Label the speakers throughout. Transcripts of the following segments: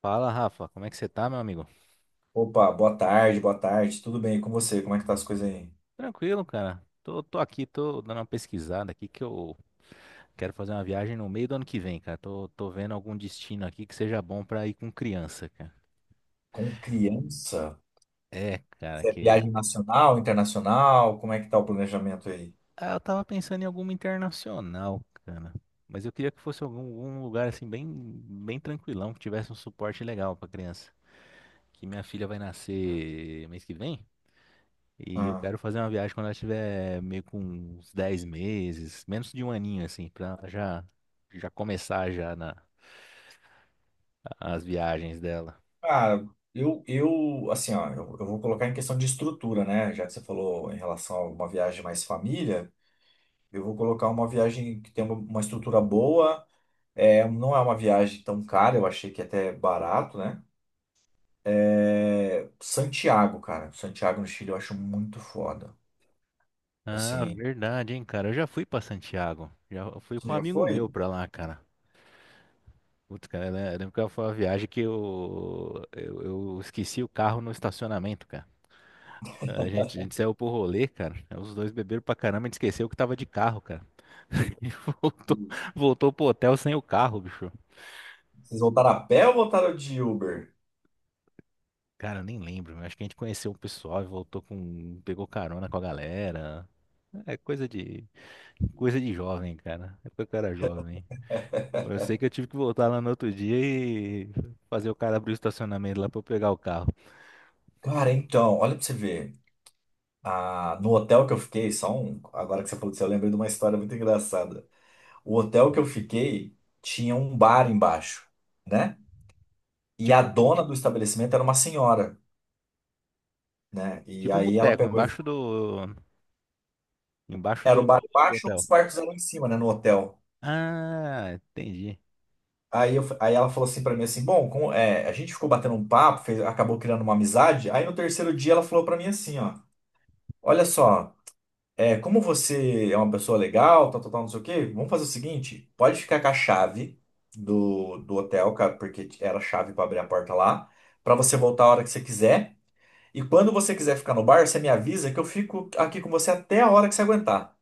Speaker 1: Fala, Rafa, como é que você tá, meu amigo?
Speaker 2: Opa, boa tarde, boa tarde. Tudo bem e com você? Como é que tá as coisas aí?
Speaker 1: Tranquilo, cara. Tô aqui, tô dando uma pesquisada aqui que eu quero fazer uma viagem no meio do ano que vem, cara. Tô vendo algum destino aqui que seja bom pra ir com criança, cara.
Speaker 2: Com criança?
Speaker 1: É, cara,
Speaker 2: Você é viagem nacional, internacional? Como é que tá o planejamento aí?
Speaker 1: eu tava pensando em alguma internacional, cara. Mas eu queria que fosse algum lugar assim bem, bem tranquilão, que tivesse um suporte legal pra criança. Que minha filha vai nascer mês que vem. E eu
Speaker 2: Ah,
Speaker 1: quero fazer uma viagem quando ela tiver meio com uns 10 meses, menos de um aninho, assim, pra já, já começar já na, as viagens dela.
Speaker 2: cara, eu, assim, ó, eu vou colocar em questão de estrutura, né? Já que você falou em relação a uma viagem mais família, eu vou colocar uma viagem que tem uma estrutura boa. É, não é uma viagem tão cara, eu achei que é até barato, né? É, Santiago, cara. Santiago no Chile eu acho muito foda.
Speaker 1: Ah,
Speaker 2: Assim,
Speaker 1: verdade, hein, cara. Eu já fui pra Santiago. Já fui com
Speaker 2: você
Speaker 1: um
Speaker 2: já
Speaker 1: amigo meu
Speaker 2: foi?
Speaker 1: pra lá, cara. Putz, cara, eu lembro que foi uma viagem que eu esqueci o carro no estacionamento, cara. A gente saiu pro rolê, cara. Os dois beberam pra caramba, a gente esqueceu que tava de carro, cara. E voltou, voltou pro hotel sem o carro, bicho.
Speaker 2: Vocês voltaram a pé ou voltaram de Uber?
Speaker 1: Cara, eu nem lembro. Acho que a gente conheceu o pessoal e voltou com. Pegou carona com a galera. É coisa de. Coisa de jovem, cara. É porque eu era jovem. Mas eu sei que eu tive que voltar lá no outro dia e fazer o cara abrir o estacionamento lá pra eu pegar o carro.
Speaker 2: Cara, então, olha pra você ver. Ah, no hotel que eu fiquei, só um. Agora que você falou disso, eu lembrei de uma história muito engraçada. O hotel que eu fiquei tinha um bar embaixo, né? E a
Speaker 1: Tipo,
Speaker 2: dona do estabelecimento era uma senhora, né? E
Speaker 1: tipo um
Speaker 2: aí ela
Speaker 1: boteco,
Speaker 2: pegou e
Speaker 1: embaixo
Speaker 2: falou,
Speaker 1: do. Embaixo
Speaker 2: era o
Speaker 1: do,
Speaker 2: bar
Speaker 1: do
Speaker 2: embaixo,
Speaker 1: hotel.
Speaker 2: os quartos eram em cima, né? No hotel.
Speaker 1: Ah, entendi.
Speaker 2: Aí, aí ela falou assim pra mim assim, bom, é, a gente ficou batendo um papo, acabou criando uma amizade. Aí no terceiro dia ela falou pra mim assim, ó, olha só. É, como você é uma pessoa legal, tal, tal, tal, não sei o quê, vamos fazer o seguinte: pode ficar com a chave do hotel, porque era a chave para abrir a porta lá, para você voltar a hora que você quiser. E quando você quiser ficar no bar, você me avisa que eu fico aqui com você até a hora que você aguentar.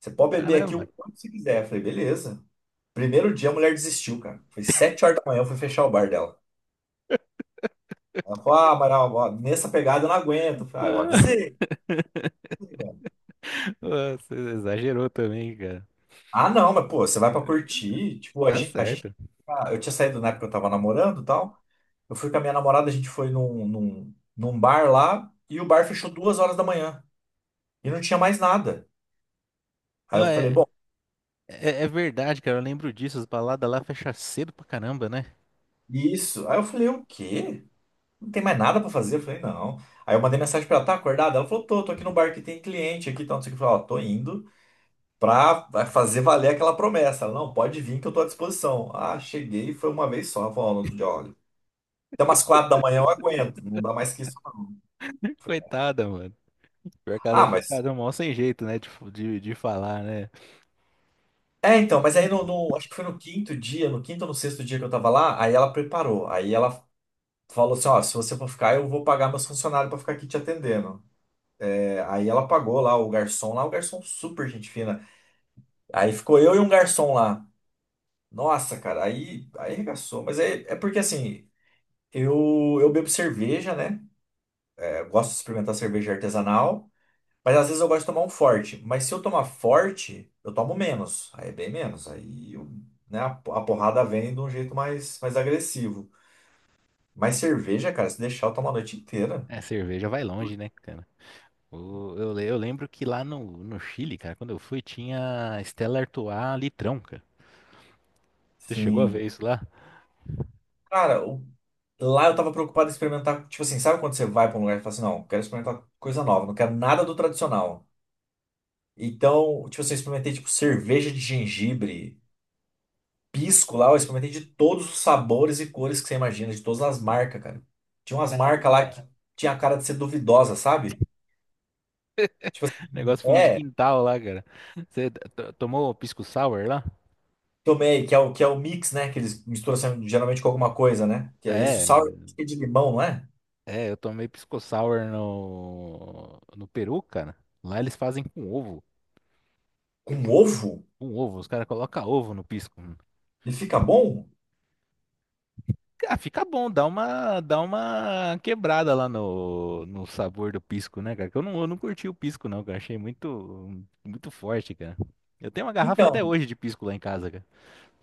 Speaker 2: Você pode beber aqui o
Speaker 1: Caramba.
Speaker 2: quanto você quiser. Eu falei, beleza. Primeiro dia a mulher desistiu, cara. Foi 7 horas da manhã, eu fui fechar o bar dela. Ela falou, ah, Amaral, ó, nessa pegada eu não aguento. Eu falei, ah, eu
Speaker 1: Ah,
Speaker 2: avisei.
Speaker 1: você exagerou também, cara.
Speaker 2: Ah, não, mas pô, você vai pra curtir. Tipo, a
Speaker 1: Tá
Speaker 2: gente, a gente.
Speaker 1: certo.
Speaker 2: Ah, eu tinha saído na época que eu tava namorando e tal. Eu fui com a minha namorada, a gente foi num, num bar lá e o bar fechou 2 horas da manhã e não tinha mais nada. Aí
Speaker 1: Ah,
Speaker 2: eu falei,
Speaker 1: é,
Speaker 2: bom,
Speaker 1: é, é verdade, cara. Eu lembro disso. As baladas lá fecham cedo pra caramba, né?
Speaker 2: isso. Aí eu falei, o quê? Não tem mais nada pra fazer? Eu falei, não. Aí eu mandei mensagem pra ela, tá acordada? Ela falou, tô aqui no bar que tem cliente aqui, e tal, não sei o que. Eu falei, ó, tô indo pra vai fazer valer aquela promessa. Ela, não, pode vir que eu tô à disposição. Ah, cheguei, foi uma vez só. Ela falou, ó, no outro dia, olha. Até umas 4 da manhã eu aguento, não dá mais que isso, não.
Speaker 1: Coitada, mano. Pior que ela
Speaker 2: Ah,
Speaker 1: deve ter
Speaker 2: mas.
Speaker 1: ficado mal sem jeito, né? De falar, né?
Speaker 2: É, então, mas aí acho que foi no quinto dia, no quinto ou no sexto dia que eu tava lá, aí ela preparou. Aí ela falou assim: ó, se você for ficar, eu vou pagar meus funcionários pra ficar aqui te atendendo. É, aí ela pagou lá, o garçom super gente fina. Aí ficou eu e um garçom lá. Nossa, cara, aí arregaçou. Mas é, é porque assim, eu bebo cerveja, né? É, eu gosto de experimentar cerveja artesanal. Mas às vezes eu gosto de tomar um forte. Mas se eu tomar forte, eu tomo menos. Aí é bem menos. Aí, né, a porrada vem de um jeito mais agressivo. Mas cerveja, cara, se deixar, eu tomo a noite inteira.
Speaker 1: É, cerveja vai longe, né, cara? O- Eu lembro que lá no, no Chile, cara, quando eu fui, tinha Stella Artois litrão, cara. Você chegou a ver
Speaker 2: Sim.
Speaker 1: isso lá?
Speaker 2: Cara, lá eu tava preocupado em experimentar. Tipo assim, sabe quando você vai pra um lugar e fala assim: não, quero experimentar coisa nova, não quero nada do tradicional. Então, tipo assim, eu experimentei tipo cerveja de gengibre. Pisco lá, eu experimentei de todos os sabores e cores que você imagina, de todas as marcas, cara. Tinha umas marcas lá
Speaker 1: Caramba.
Speaker 2: que tinha a cara de ser duvidosa, sabe? Tipo assim,
Speaker 1: Negócio fundo de
Speaker 2: é,
Speaker 1: quintal lá, cara. Você tomou pisco sour lá?
Speaker 2: tomei, que é o mix, né? Que eles misturam assim, geralmente com alguma coisa, né? Que é esse o
Speaker 1: É,
Speaker 2: sour que é de limão, não é?
Speaker 1: é, eu tomei pisco sour no, no Peru, cara. Lá eles fazem com ovo.
Speaker 2: Com ovo?
Speaker 1: Com ovo, os caras colocam ovo no pisco.
Speaker 2: Ele fica bom?
Speaker 1: Ah, fica bom, dá uma quebrada lá no, no sabor do pisco, né, cara? Que eu não curti o pisco, não, cara. Achei muito, muito forte, cara. Eu tenho uma garrafa até
Speaker 2: Então,
Speaker 1: hoje de pisco lá em casa, cara.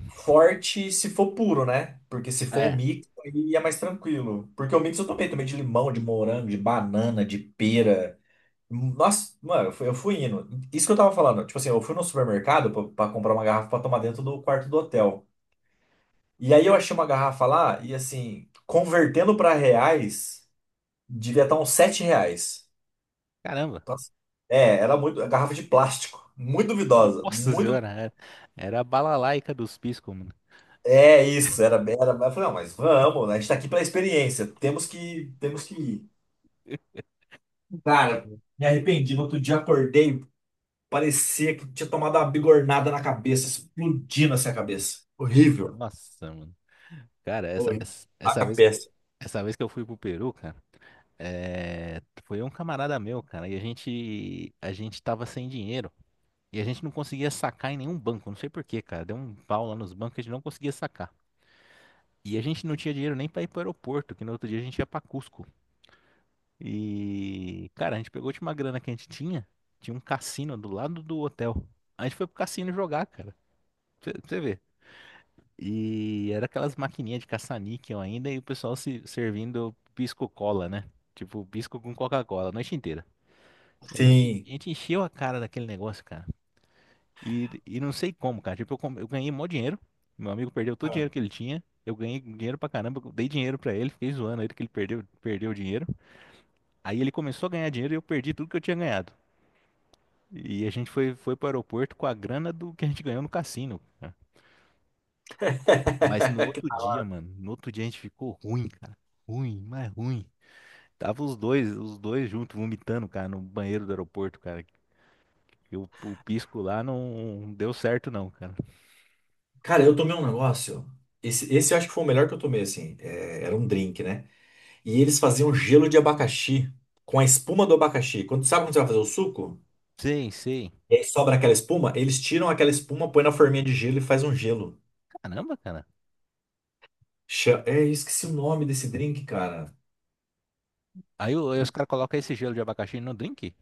Speaker 2: forte se for puro, né? Porque se for o
Speaker 1: É.
Speaker 2: mix, aí é mais tranquilo. Porque o mix eu tomei, tomei de limão, de morango, de banana, de pera. Nossa, mano, eu fui indo. Isso que eu tava falando. Tipo assim, eu fui no supermercado pra comprar uma garrafa pra tomar dentro do quarto do hotel. E aí eu achei uma garrafa lá e assim, convertendo pra reais, devia estar uns 7 reais.
Speaker 1: Caramba.
Speaker 2: Então, assim, é, era muito. A garrafa de plástico. Muito duvidosa.
Speaker 1: Nossa
Speaker 2: Muito.
Speaker 1: senhora, é- era a balalaica dos piscos, mano.
Speaker 2: É isso, era, era. Eu falei, não, mas vamos, né? A gente tá aqui pela experiência. Temos que ir. Cara, me arrependi. No outro dia acordei. Parecia que tinha tomado uma bigornada na cabeça, explodindo assim a cabeça. Horrível.
Speaker 1: Nossa, mano. Cara, essa,
Speaker 2: Horrível.
Speaker 1: essa, essa
Speaker 2: Taca
Speaker 1: vez,
Speaker 2: péssimo.
Speaker 1: essa vez que eu fui pro Peru, cara, é, foi um camarada meu, cara, e a gente tava sem dinheiro. E a gente não conseguia sacar em nenhum banco, não sei por quê, cara. Deu um pau lá nos bancos, que a gente não conseguia sacar. E a gente não tinha dinheiro nem pra ir pro aeroporto, que no outro dia a gente ia pra Cusco. E, cara, a gente pegou a última grana que a gente tinha, tinha um cassino do lado do hotel. A gente foi pro cassino jogar, cara. Pra você ver. E era aquelas maquininhas de caça-níquel ainda e o pessoal se servindo pisco-cola, né? Tipo, pisco com Coca-Cola a noite inteira. E A gente, a
Speaker 2: Sim.
Speaker 1: gente encheu a cara daquele negócio, cara. E não sei como, cara. Tipo, eu ganhei mó dinheiro. Meu amigo perdeu todo o
Speaker 2: Ah.
Speaker 1: dinheiro que ele tinha. Eu ganhei dinheiro pra caramba. Eu dei dinheiro pra ele. Fiquei zoando ele que ele perdeu o dinheiro. Aí ele começou a ganhar dinheiro e eu perdi tudo que eu tinha ganhado. E a gente foi pro aeroporto com a grana do que a gente ganhou no cassino, cara. Mas no outro dia, mano. No outro dia a gente ficou ruim, cara. Ruim, mas ruim. Tava os dois juntos vomitando, cara, no banheiro do aeroporto, cara. E o pisco lá não deu certo, não, cara.
Speaker 2: Cara, eu tomei um negócio. Esse eu acho que foi o melhor que eu tomei, assim. É, era um drink, né? E eles faziam gelo de abacaxi com a espuma do abacaxi. Quando, sabe quando você vai fazer o suco?
Speaker 1: Sei, sei.
Speaker 2: E aí sobra aquela espuma, eles tiram aquela espuma, põe na forminha de gelo e faz um gelo.
Speaker 1: Caramba, cara.
Speaker 2: É, eu esqueci o nome desse drink, cara.
Speaker 1: Aí, o- aí os caras colocam esse gelo de abacaxi no drink?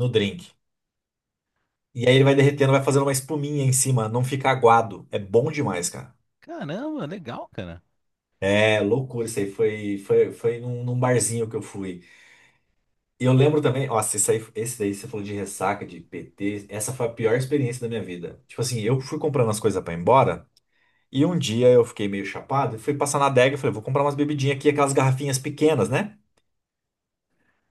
Speaker 2: No drink. E aí ele vai derretendo, vai fazendo uma espuminha em cima, não fica aguado. É bom demais, cara.
Speaker 1: Caramba, legal, cara.
Speaker 2: É loucura isso aí. Foi num, barzinho que eu fui. E eu lembro também, nossa, isso aí, esse daí você falou de ressaca, de PT. Essa foi a pior experiência da minha vida. Tipo assim, eu fui comprando as coisas pra ir embora. E um dia eu fiquei meio chapado e fui passar na adega e falei, vou comprar umas bebidinhas aqui, aquelas garrafinhas pequenas, né?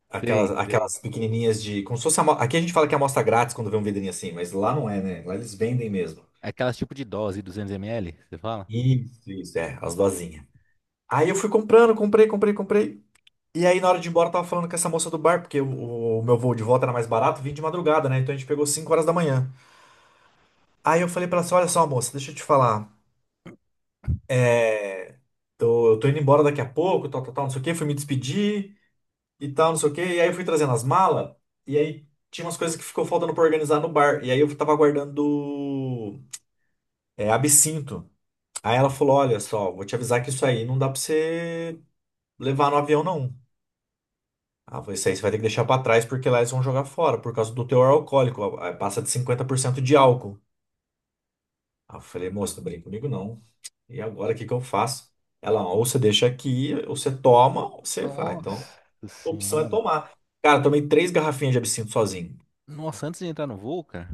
Speaker 2: Aquelas,
Speaker 1: Sei, sei.
Speaker 2: aquelas pequenininhas de. Como se fosse. Aqui a gente fala que é amostra grátis quando vê um vidrinho assim, mas lá não é, né? Lá eles vendem mesmo.
Speaker 1: Aquelas tipo de dose, 200 ml, você fala?
Speaker 2: Isso, é, as dosinhas. Aí eu fui comprando, comprei, comprei, comprei. E aí na hora de ir embora eu tava falando com essa moça do bar, porque o meu voo de volta era mais barato, vim de madrugada, né? Então a gente pegou 5 horas da manhã. Aí eu falei pra ela assim, olha só, moça, deixa eu te falar. É... eu tô indo embora daqui a pouco, tal, tal, tal, não sei o quê. Fui me despedir e tal, não sei o quê. E aí eu fui trazendo as malas. E aí tinha umas coisas que ficou faltando pra organizar no bar. E aí eu tava guardando absinto. Aí ela falou, olha só, vou te avisar que isso aí não dá pra você levar no avião, não. Ah, isso aí você vai ter que deixar pra trás porque lá eles vão jogar fora por causa do teor alcoólico. Ah, passa de 50% de álcool. Ah, eu falei, moça, não brinca comigo não. E agora o que que eu faço? Ela, ou você deixa aqui, ou você toma, ou você vai. Ah, então,
Speaker 1: Nossa
Speaker 2: a opção é
Speaker 1: senhora.
Speaker 2: tomar. Cara, tomei três garrafinhas de absinto sozinho.
Speaker 1: Nossa, antes de entrar no voo, cara.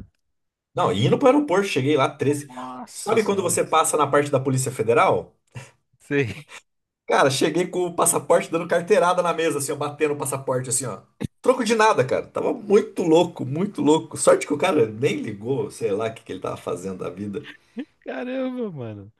Speaker 2: Não, indo pro aeroporto, cheguei lá, 13.
Speaker 1: Nossa
Speaker 2: Sabe quando
Speaker 1: senhora.
Speaker 2: você passa na parte da Polícia Federal?
Speaker 1: Sei.
Speaker 2: Cara, cheguei com o passaporte dando carteirada na mesa, assim, ó, batendo o passaporte, assim, ó. Troco de nada, cara. Tava muito louco, muito louco. Sorte que o cara nem ligou, sei lá o que que ele tava fazendo da vida.
Speaker 1: Caramba, mano.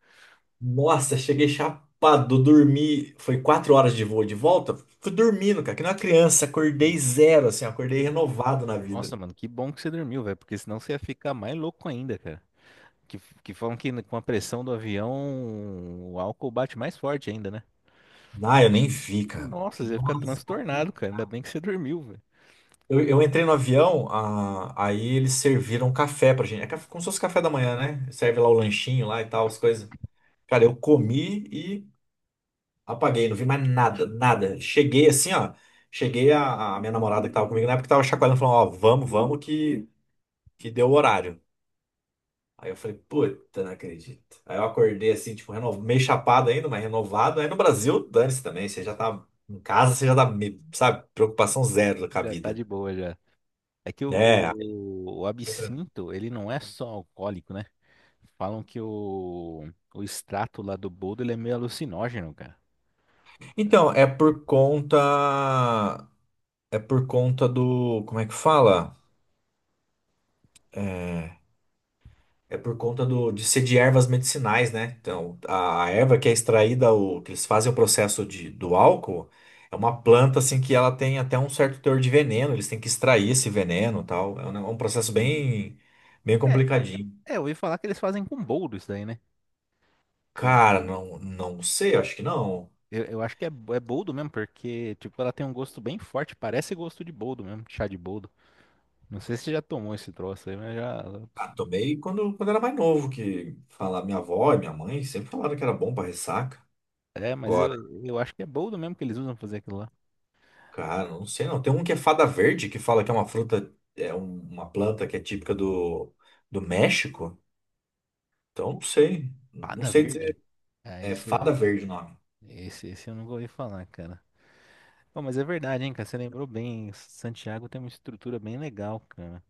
Speaker 2: Nossa, cheguei chapado, dormi. Foi 4 horas de voo de volta. Fui dormindo, cara, que nem uma criança. Acordei zero, assim, ó, acordei renovado na vida.
Speaker 1: Nossa, mano, que bom que você dormiu, velho, porque senão você ia ficar mais louco ainda, cara. Que falam que com a pressão do avião, o álcool bate mais forte ainda, né?
Speaker 2: Ah, eu nem vi, cara.
Speaker 1: Nossa, você ia ficar
Speaker 2: Nossa,
Speaker 1: transtornado, cara. Ainda bem que você dormiu, velho.
Speaker 2: eu entrei no avião, ah, aí eles serviram um café pra gente. Como se fosse café da manhã, né? Serve lá o lanchinho lá e tal, as coisas. Cara, eu comi e apaguei, não vi mais nada, nada. Cheguei assim, ó. Cheguei a minha namorada que tava comigo na época tava chacoalhando, falando, ó, vamos, vamos que deu o horário. Aí eu falei, puta, não acredito. Aí eu acordei assim, tipo, meio chapado ainda, mas renovado. Aí no Brasil, dane-se também, você já tá em casa, você já tá, sabe, preocupação zero com a
Speaker 1: Já tá
Speaker 2: vida,
Speaker 1: de boa já. É que o,
Speaker 2: né? Aí
Speaker 1: o, o
Speaker 2: foi tranquilo.
Speaker 1: absinto, ele não é só alcoólico, né? Falam que o extrato lá do boldo, ele é meio alucinógeno, cara.
Speaker 2: Então, é por conta. É por conta do. Como é que fala? É, É por conta de ser de ervas medicinais, né? Então, a erva que é extraída, que eles fazem o processo do álcool, é uma planta assim que ela tem até um certo teor de veneno, eles têm que extrair esse veneno e tal. É um processo
Speaker 1: Sim.
Speaker 2: bem, bem
Speaker 1: É,
Speaker 2: complicadinho.
Speaker 1: é, eu ouvi falar que eles fazem com boldo isso daí, né? Com-
Speaker 2: Cara, não, não sei, acho que não.
Speaker 1: eu acho que é, bo- é boldo mesmo, porque, tipo, ela tem um gosto bem forte, parece gosto de boldo mesmo, de chá de boldo. Não sei se você já tomou esse troço aí, mas já...
Speaker 2: Ah, tomei quando era mais novo, que fala, minha avó e minha mãe sempre falaram que era bom pra ressaca.
Speaker 1: É, mas eu acho que é boldo mesmo que eles usam pra fazer aquilo lá.
Speaker 2: Cara, não sei não. Tem um que é fada verde, que fala que é uma fruta, é uma planta que é típica do México. Então, não sei. Não
Speaker 1: Pada
Speaker 2: sei
Speaker 1: verde?
Speaker 2: dizer.
Speaker 1: Ah,
Speaker 2: É fada
Speaker 1: esse,
Speaker 2: verde o nome.
Speaker 1: esse, esse eu nunca ouvi falar, cara. Pô, mas é verdade, hein, cara? Você lembrou bem. Santiago tem uma estrutura bem legal, cara.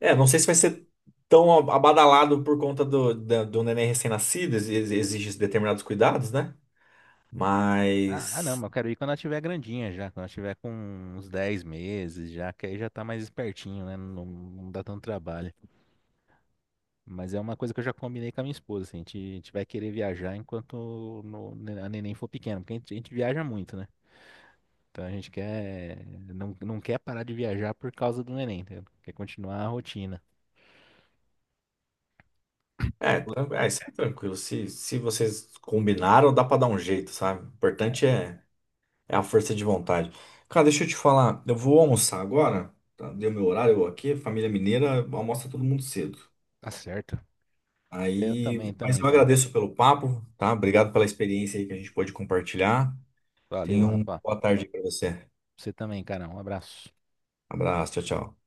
Speaker 2: É, não sei se vai ser tão abadalado por conta do neném recém-nascido, exige determinados cuidados, né?
Speaker 1: Ah, ah, não, mas
Speaker 2: Mas.
Speaker 1: eu quero ir quando ela tiver grandinha já, quando ela tiver com uns 10 meses já, que aí já tá mais espertinho, né? Não, não dá tanto trabalho. Mas é uma coisa que eu já combinei com a minha esposa, assim, a gente vai querer viajar enquanto no- a neném for pequena, porque a gente viaja muito, né? Então a gente quer, não, não quer parar de viajar por causa do neném, entendeu? Quer continuar a rotina.
Speaker 2: É,
Speaker 1: Pô,
Speaker 2: isso é tranquilo. Se vocês combinaram, dá pra dar um jeito, sabe? O importante é. É a força de vontade. Cara, deixa eu te falar, eu vou almoçar agora, tá? Deu meu horário aqui, família mineira, almoça todo mundo cedo.
Speaker 1: tá certo. Eu
Speaker 2: Aí,
Speaker 1: também,
Speaker 2: mas
Speaker 1: também,
Speaker 2: eu
Speaker 1: cara.
Speaker 2: agradeço pelo papo, tá? Obrigado pela experiência aí que a gente pôde compartilhar.
Speaker 1: Valeu,
Speaker 2: Tenha uma
Speaker 1: rapaz.
Speaker 2: boa tarde para você.
Speaker 1: Você também, cara. Um abraço.
Speaker 2: Abraço, tchau, tchau.